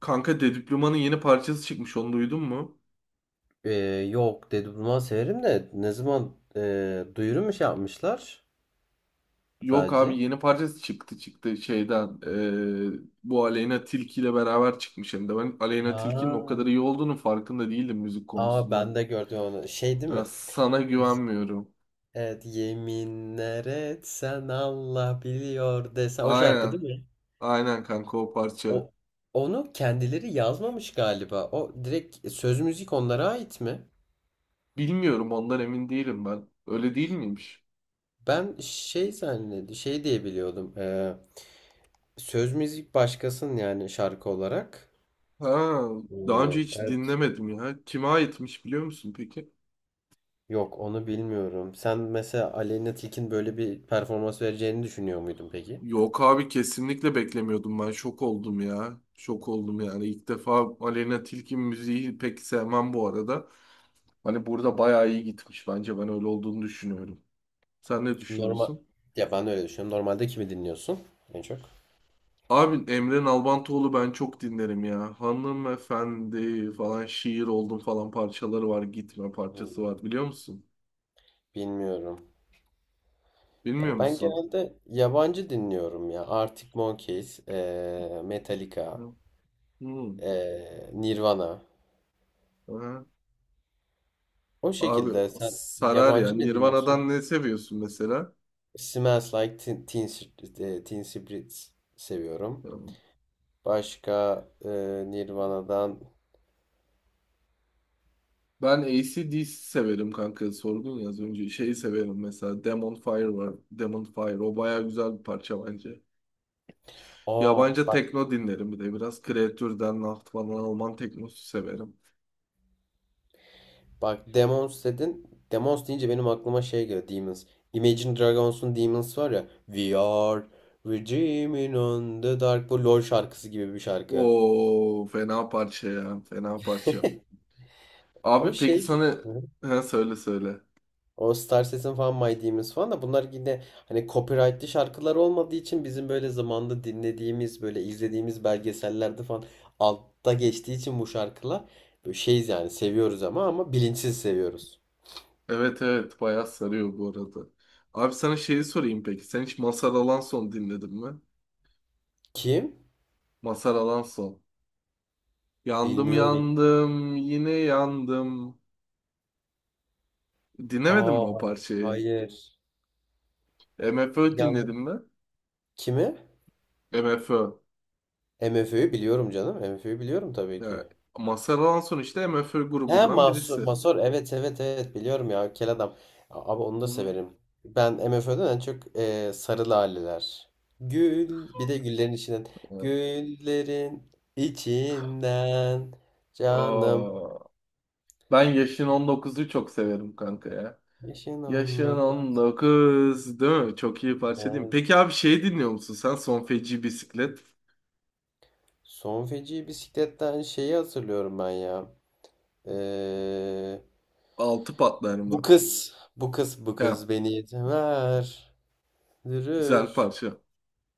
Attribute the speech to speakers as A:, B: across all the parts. A: Kanka Dediploman'ın yeni parçası çıkmış onu duydun mu?
B: Ee, yok Dedi Burman severim de ne zaman duyuru mu şey yapmışlar
A: Yok abi
B: sadece?
A: yeni parçası çıktı şeyden bu Aleyna Tilki ile beraber çıkmış hem de ben Aleyna Tilki'nin o
B: Ha.
A: kadar iyi olduğunu farkında değildim müzik
B: Aa
A: konusunda.
B: ben de gördüm onu. Şey değil
A: Ha,
B: mi?
A: sana güvenmiyorum.
B: Evet yeminler etsen Allah biliyor desen o şarkı
A: Aynen
B: değil mi?
A: aynen kanka o parça.
B: O onu kendileri yazmamış galiba. O direkt söz müzik onlara ait mi?
A: Bilmiyorum ondan emin değilim ben. Öyle değil miymiş?
B: Ben şey zannedi şey diye biliyordum. Söz müzik başkasının yani şarkı olarak.
A: Ha, daha önce
B: Ee,
A: hiç
B: evet.
A: dinlemedim ya. Kime aitmiş biliyor musun peki?
B: Yok onu bilmiyorum. Sen mesela Aleyna Tilki'nin böyle bir performans vereceğini düşünüyor muydun peki?
A: Yok abi kesinlikle beklemiyordum ben. Şok oldum ya. Şok oldum yani. İlk defa Aleyna Tilki müziği pek sevmem bu arada. Hani burada bayağı iyi gitmiş bence. Ben öyle olduğunu düşünüyorum. Sen ne
B: Normal
A: düşünüyorsun?
B: ya ben öyle düşünüyorum. Normalde kimi dinliyorsun en çok?
A: Abi Emre Nalbantoğlu ben çok dinlerim ya. Hanımefendi falan şiir oldum falan parçaları var. Gitme parçası
B: Hmm,
A: var biliyor musun?
B: bilmiyorum.
A: Bilmiyor
B: Ya ben
A: musun?
B: genelde yabancı dinliyorum ya. Arctic Monkeys, Metallica,
A: Yok. Hmm.
B: Nirvana.
A: Aha.
B: O
A: Abi
B: şekilde sen
A: sarar ya.
B: yabancı ne dinliyorsun?
A: Nirvana'dan ne seviyorsun mesela?
B: Smells Like Teen Spirit seviyorum. Başka Nirvana'dan.
A: Ben AC/DC severim kanka. Sordun ya az önce. Şeyi severim mesela. Demon Fire var. Demon Fire. O baya güzel bir parça bence.
B: Aa
A: Yabancı
B: bak.
A: tekno dinlerim bir de. Biraz Kreatür'den, Nacht falan Alman teknosu severim.
B: Bak Demons dedin. Demons deyince benim aklıma şey geliyor. Demons. Imagine Dragons'un Demons var ya. We are redeeming on the dark. Bu LOL şarkısı gibi bir şarkı.
A: Oo fena parça ya. Fena parça.
B: O
A: Abi peki
B: şey.
A: sana...
B: Hı hı.
A: Ha, söyle söyle.
B: O Star Citizen falan My Demons falan da bunlar yine hani copyrightlı şarkılar olmadığı için bizim böyle zamanda dinlediğimiz böyle izlediğimiz belgesellerde falan altta geçtiği için bu şarkılar böyle şeyiz yani seviyoruz ama bilinçsiz seviyoruz.
A: Evet evet bayağı sarıyor bu arada. Abi sana şeyi sorayım peki. Sen hiç Mazhar Alanson dinledin mi?
B: Kim?
A: Mazhar Alanson. Yandım
B: Bilmiyorum.
A: yandım yine yandım. Dinlemedin mi o
B: Aa
A: parçayı?
B: hayır.
A: MFÖ
B: Yanlış.
A: dinledin mi?
B: Kimi?
A: MFÖ.
B: MFÖ'yü biliyorum canım. MFÖ'yü biliyorum tabii
A: Yani
B: ki.
A: Mazhar Alanson işte MFÖ
B: He
A: grubundan
B: Mahsur,
A: birisi.
B: Masor evet evet evet biliyorum ya kel adam. Abi onu da
A: Hı.
B: severim. Ben MFÖ'den en çok Sarı Laleler. Gül bir de güllerin içinden.
A: Evet.
B: Güllerin içinden canım.
A: Aa, ben yaşın 19'u çok severim kanka ya.
B: Yaşın
A: Yaşın
B: onunla kız.
A: 19 değil mi? Çok iyi parça değil mi?
B: Evet.
A: Peki abi şey dinliyor musun sen? Son Feci Bisiklet.
B: Son feci bisikletten şeyi hatırlıyorum ben ya. Ee,
A: Altı patlar
B: bu
A: mı?
B: kız bu kız bu
A: Ya,
B: kız beni yeter.
A: güzel
B: Dürür.
A: parça.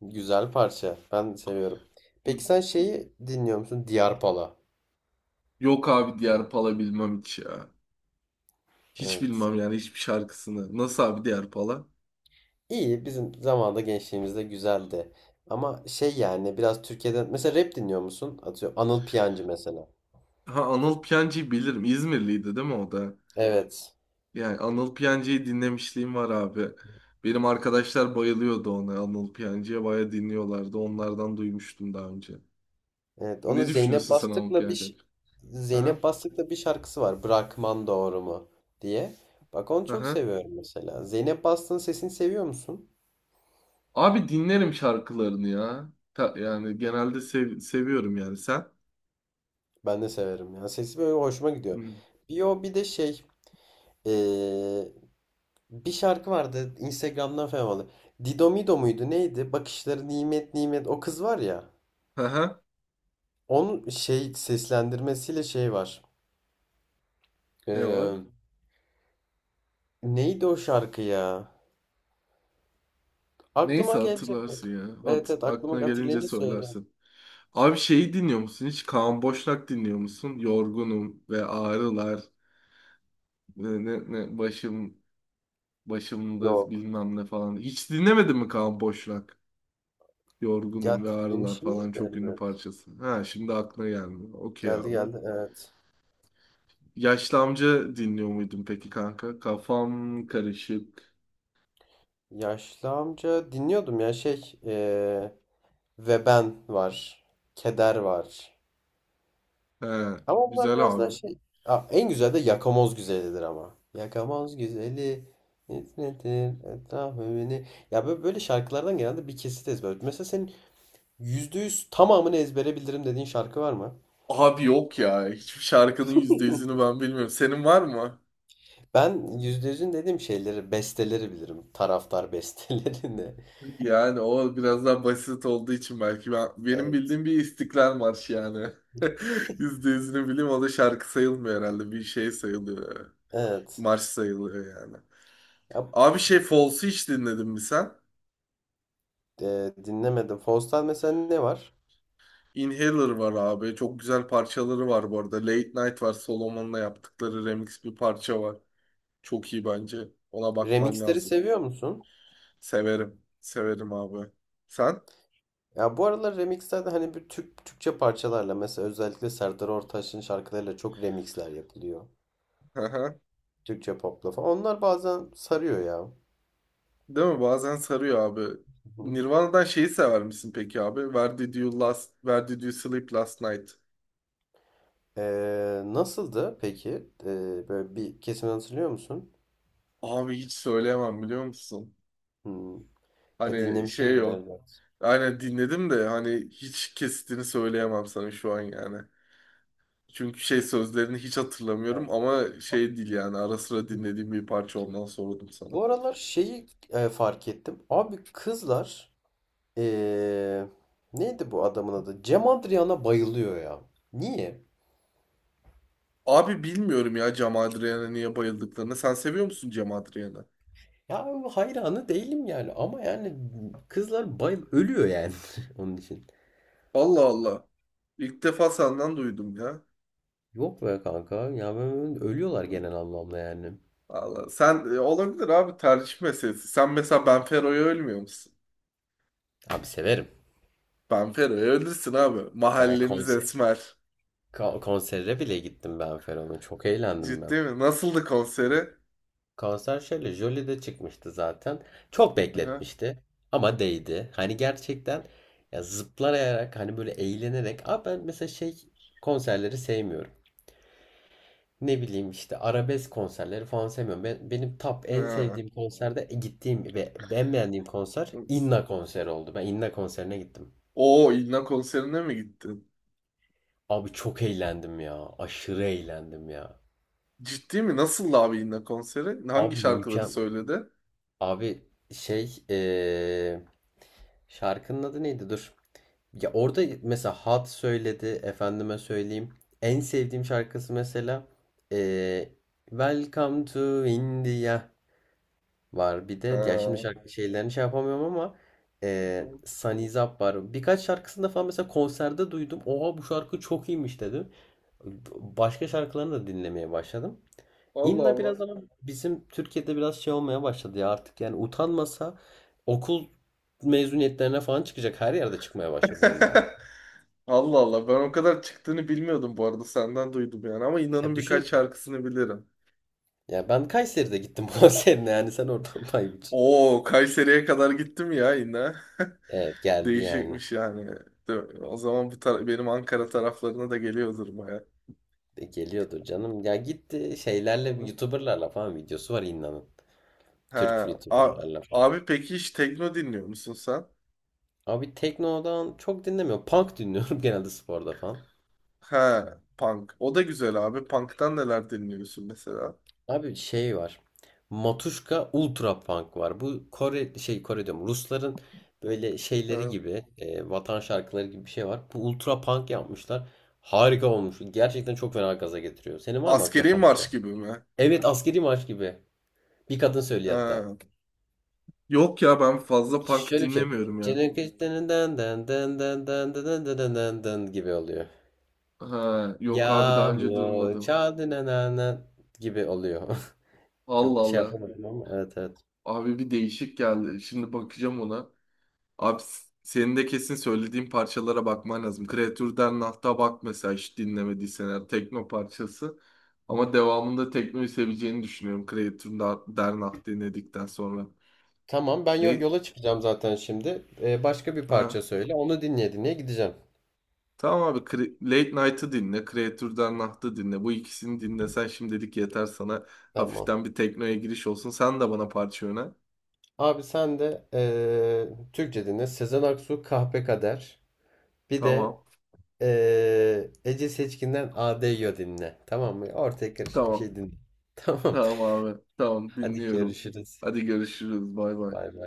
B: Güzel parça. Ben seviyorum.
A: Hı.
B: Peki sen şeyi dinliyor musun? Diyarpala.
A: Yok abi diğer pala bilmem hiç ya. Hiç
B: Evet.
A: bilmem yani hiçbir şarkısını. Nasıl abi diğer pala?
B: İyi. Bizim zamanda gençliğimizde güzeldi. Ama şey yani biraz Türkiye'den mesela rap dinliyor musun? Atıyorum Anıl Piyancı mesela.
A: Ha Anıl Piyancı'yı bilirim. İzmirliydi değil mi o da?
B: Evet.
A: Yani Anıl Piyancı'yı dinlemişliğim var abi. Benim arkadaşlar bayılıyordu ona. Anıl Piyancı'ya bayağı dinliyorlardı. Onlardan duymuştum daha önce.
B: Evet. Onun
A: Ne
B: Zeynep
A: düşünüyorsun sen Anıl
B: Bastık'la bir
A: Piyancı hakkında? Aha,
B: Zeynep Bastık'la bir şarkısı var. Bırakman doğru mu diye. Bak onu çok
A: aha.
B: seviyorum mesela. Zeynep Bastık'ın sesini seviyor musun?
A: Abi dinlerim şarkılarını ya. Yani genelde seviyorum yani sen.
B: Ben de severim. Yani sesi böyle hoşuma gidiyor.
A: Hı.
B: Bir o bir de şey eee, bir şarkı vardı Instagram'dan falan vardı. Didomido muydu neydi? Bakışları nimet nimet o kız var ya.
A: Aha,
B: Onun şey seslendirmesiyle şey var.
A: ne var?
B: Ee, neydi o şarkı ya?
A: Neyse
B: Aklıma gelecek
A: hatırlarsın
B: bak.
A: ya.
B: Evet
A: Hat
B: evet aklıma
A: aklına gelince
B: hatırlayınca söyleyeyim.
A: söylersin. Abi şeyi dinliyor musun? Hiç Kaan Boşnak dinliyor musun? Yorgunum ve ağrılar. Ne, ne, ne, başım başımda
B: Yok.
A: bilmem ne falan. Hiç dinlemedin mi Kaan Boşnak? Yorgunum
B: Ya
A: ve Ağrılar
B: dinlemişimdir
A: falan
B: de
A: çok ünlü
B: elbet.
A: parçası. Ha şimdi aklına gelmiyor. Okey
B: Geldi
A: abi.
B: geldi evet.
A: Yaşlı amca dinliyor muydun peki kanka? Kafam karışık.
B: Yaşlı amca dinliyordum ya şey. Ve ben var. Keder var.
A: He,
B: Ama onlar
A: güzel
B: biraz daha
A: abi.
B: şey. Aa, en güzel de yakamoz güzelidir ama. Yakamoz güzeli. Net nedir etrafı beni. Ya böyle, böyle şarkılardan genelde bir kesit ezber. Mesela senin yüzde yüz tamamını ezbere bilirim dediğin şarkı var mı?
A: Abi yok ya. Hiçbir şarkının yüzde yüzünü ben bilmiyorum. Senin var mı?
B: Ben yüzde yüzün dediğim şeyleri, besteleri bilirim. Taraftar bestelerini.
A: Yani o biraz daha basit olduğu için belki. Benim
B: Evet.
A: bildiğim bir İstiklal Marşı yani. Yüzde yüzünü bileyim o da şarkı sayılmıyor herhalde. Bir şey sayılıyor.
B: Evet.
A: Marş sayılıyor yani.
B: Ya,
A: Abi şey Falls'ı hiç dinledin mi sen?
B: dinlemedim. Faust'tan mesela ne var?
A: Inhaler var abi. Çok güzel parçaları var bu arada. Late Night var. Solomon'la yaptıkları remix bir parça var. Çok iyi bence. Ona bakman
B: Remixleri
A: lazım.
B: seviyor musun?
A: Severim. Severim abi. Sen?
B: Ya bu aralar remixlerde hani Türkçe parçalarla mesela özellikle Serdar Ortaç'ın şarkılarıyla çok remixler yapılıyor. Türkçe popla falan. Onlar bazen sarıyor ya. Hı
A: Değil mi? Bazen sarıyor abi.
B: hı.
A: Nirvana'dan şeyi sever misin peki abi? Where did you sleep last night?
B: Nasıldı peki? Böyle bir kesimini hatırlıyor musun?
A: Abi hiç söyleyemem biliyor musun?
B: Hmm.
A: Hani şey
B: Dinlemişimdir
A: yok.
B: elbet.
A: Aynen dinledim de hani hiç kesitini söyleyemem sana şu an yani. Çünkü şey sözlerini hiç hatırlamıyorum ama şey değil yani ara sıra
B: Hı hı.
A: dinlediğim bir parça ondan sordum sana.
B: Bu aralar şeyi fark ettim. Abi kızlar ee, neydi bu adamın adı? Cem Adrian'a bayılıyor ya. Niye?
A: Abi bilmiyorum ya Cem Adrian'a niye bayıldıklarını. Sen seviyor musun Cem Adrian'ı?
B: Ya hayranı değilim yani ama yani kızlar bayıl ölüyor yani onun için.
A: Allah Allah. İlk defa senden duydum ya.
B: Yok be kanka ya ben ölüyorlar genel anlamda yani.
A: Vallahi sen olabilir abi tercih meselesi. Sen mesela Benfero'ya ölmüyor musun?
B: Abi severim.
A: Benfero'ya ölürsün abi.
B: Ben
A: Mahallemiz
B: konser
A: Esmer.
B: konsere bile gittim ben Feron'un. Çok eğlendim ben.
A: Ciddi mi? Nasıldı konseri?
B: Konser şöyle Jolie'de çıkmıştı zaten. Çok
A: Aha.
B: bekletmişti ama değdi. Hani gerçekten ya zıplayarak hani böyle eğlenerek. Abi ben mesela şey konserleri sevmiyorum. Ne bileyim işte arabesk konserleri falan sevmiyorum. Benim top en
A: Ha.
B: sevdiğim konserde gittiğim ve en beğendiğim konser Inna konseri oldu. Ben Inna konserine gittim.
A: Oo İlna konserine mi gittin?
B: Abi çok eğlendim ya. Aşırı eğlendim ya.
A: Ciddi mi? Nasıldı abi İlna konseri? Hangi
B: Abi
A: şarkıları
B: mükemmel.
A: söyledi?
B: Abi şey şarkının adı neydi? Dur. Ya orada mesela Hat söyledi. Efendime söyleyeyim. En sevdiğim şarkısı mesela eee Welcome to India. Var bir de ya şimdi
A: Ha.
B: şarkı şeylerini şey yapamıyorum ama Sunny Zap var. Birkaç şarkısında falan mesela konserde duydum. Oha bu şarkı çok iyiymiş dedim. Başka şarkılarını da dinlemeye başladım.
A: Allah
B: İnna
A: Allah.
B: biraz ama bizim Türkiye'de biraz şey olmaya başladı ya artık yani utanmasa okul mezuniyetlerine falan çıkacak her yerde çıkmaya başladı Inna.
A: Allah Allah, ben o kadar çıktığını bilmiyordum bu arada senden duydum yani ama
B: Ya
A: İlna'nın birkaç
B: düşün
A: şarkısını bilirim.
B: ya ben Kayseri'de gittim konserine yani sen oradan pay biç.
A: Oo Kayseri'ye kadar gittim ya İlna.
B: Evet geldi yani.
A: Değişikmiş yani. O zaman bu benim Ankara taraflarına da geliyordur baya.
B: Geliyordur canım. Ya gitti şeylerle
A: Hı hı.
B: YouTuber'larla falan videosu var İnna'nın.
A: Ha,
B: Türk YouTuber'larla falan.
A: abi peki hiç tekno dinliyor musun sen?
B: Abi Tekno'dan çok dinlemiyorum. Punk dinliyorum genelde sporda falan.
A: Ha, punk. O da güzel abi. Punk'tan neler dinliyorsun mesela?
B: Abi şey var. Matuşka Ultra Punk var. Bu Kore şey Kore diyorum. Rusların böyle şeyleri
A: Ha.
B: gibi vatan şarkıları gibi bir şey var. Bu Ultra Punk yapmışlar. Harika olmuş. Gerçekten çok fena gaza getiriyor. Senin var mı aklına
A: Askeri
B: punk
A: marş
B: şarkı?
A: gibi mi?
B: Evet askeri marş gibi. Bir kadın söylüyor hatta.
A: Ha. Yok ya ben fazla punk
B: Şöyle bir şey.
A: dinlemiyorum ya.
B: Çınırkıştırından gibi oluyor.
A: Ha, yok abi daha önce
B: Yağmur
A: duymadım.
B: çaldı nanana gibi oluyor.
A: Allah
B: Çok şey
A: Allah.
B: yapamadım ama evet evet.
A: Abi bir değişik geldi. Şimdi bakacağım ona. Abi senin de kesin söylediğim parçalara bakman lazım. Kreatür Dernacht'a bak mesela hiç dinlemediysen eğer tekno parçası. Ama devamında teknoyu seveceğini düşünüyorum Kreatür Dernacht dinledikten sonra.
B: Tamam ben
A: Ne?
B: yola çıkacağım zaten şimdi. Başka bir parça
A: Ha.
B: söyle. Onu dinleye dinleye gideceğim.
A: Tamam abi Late Night'ı dinle, Kreatür Dernacht'ı dinle. Bu ikisini dinlesen şimdilik yeter sana.
B: Tamam.
A: Hafiften bir teknoya giriş olsun. Sen de bana parça öner.
B: Abi sen de Türkçe dinle. Sezen Aksu Kahpe Kader. Bir de
A: Tamam.
B: Ece Seçkin'den ADYO dinle. Tamam mı? Ortaya karışık bir
A: Tamam.
B: şey dinle. Tamam.
A: Tamam abi. Tamam
B: Hadi
A: dinliyorum.
B: görüşürüz.
A: Hadi görüşürüz. Bay
B: Bay
A: bay.
B: bay.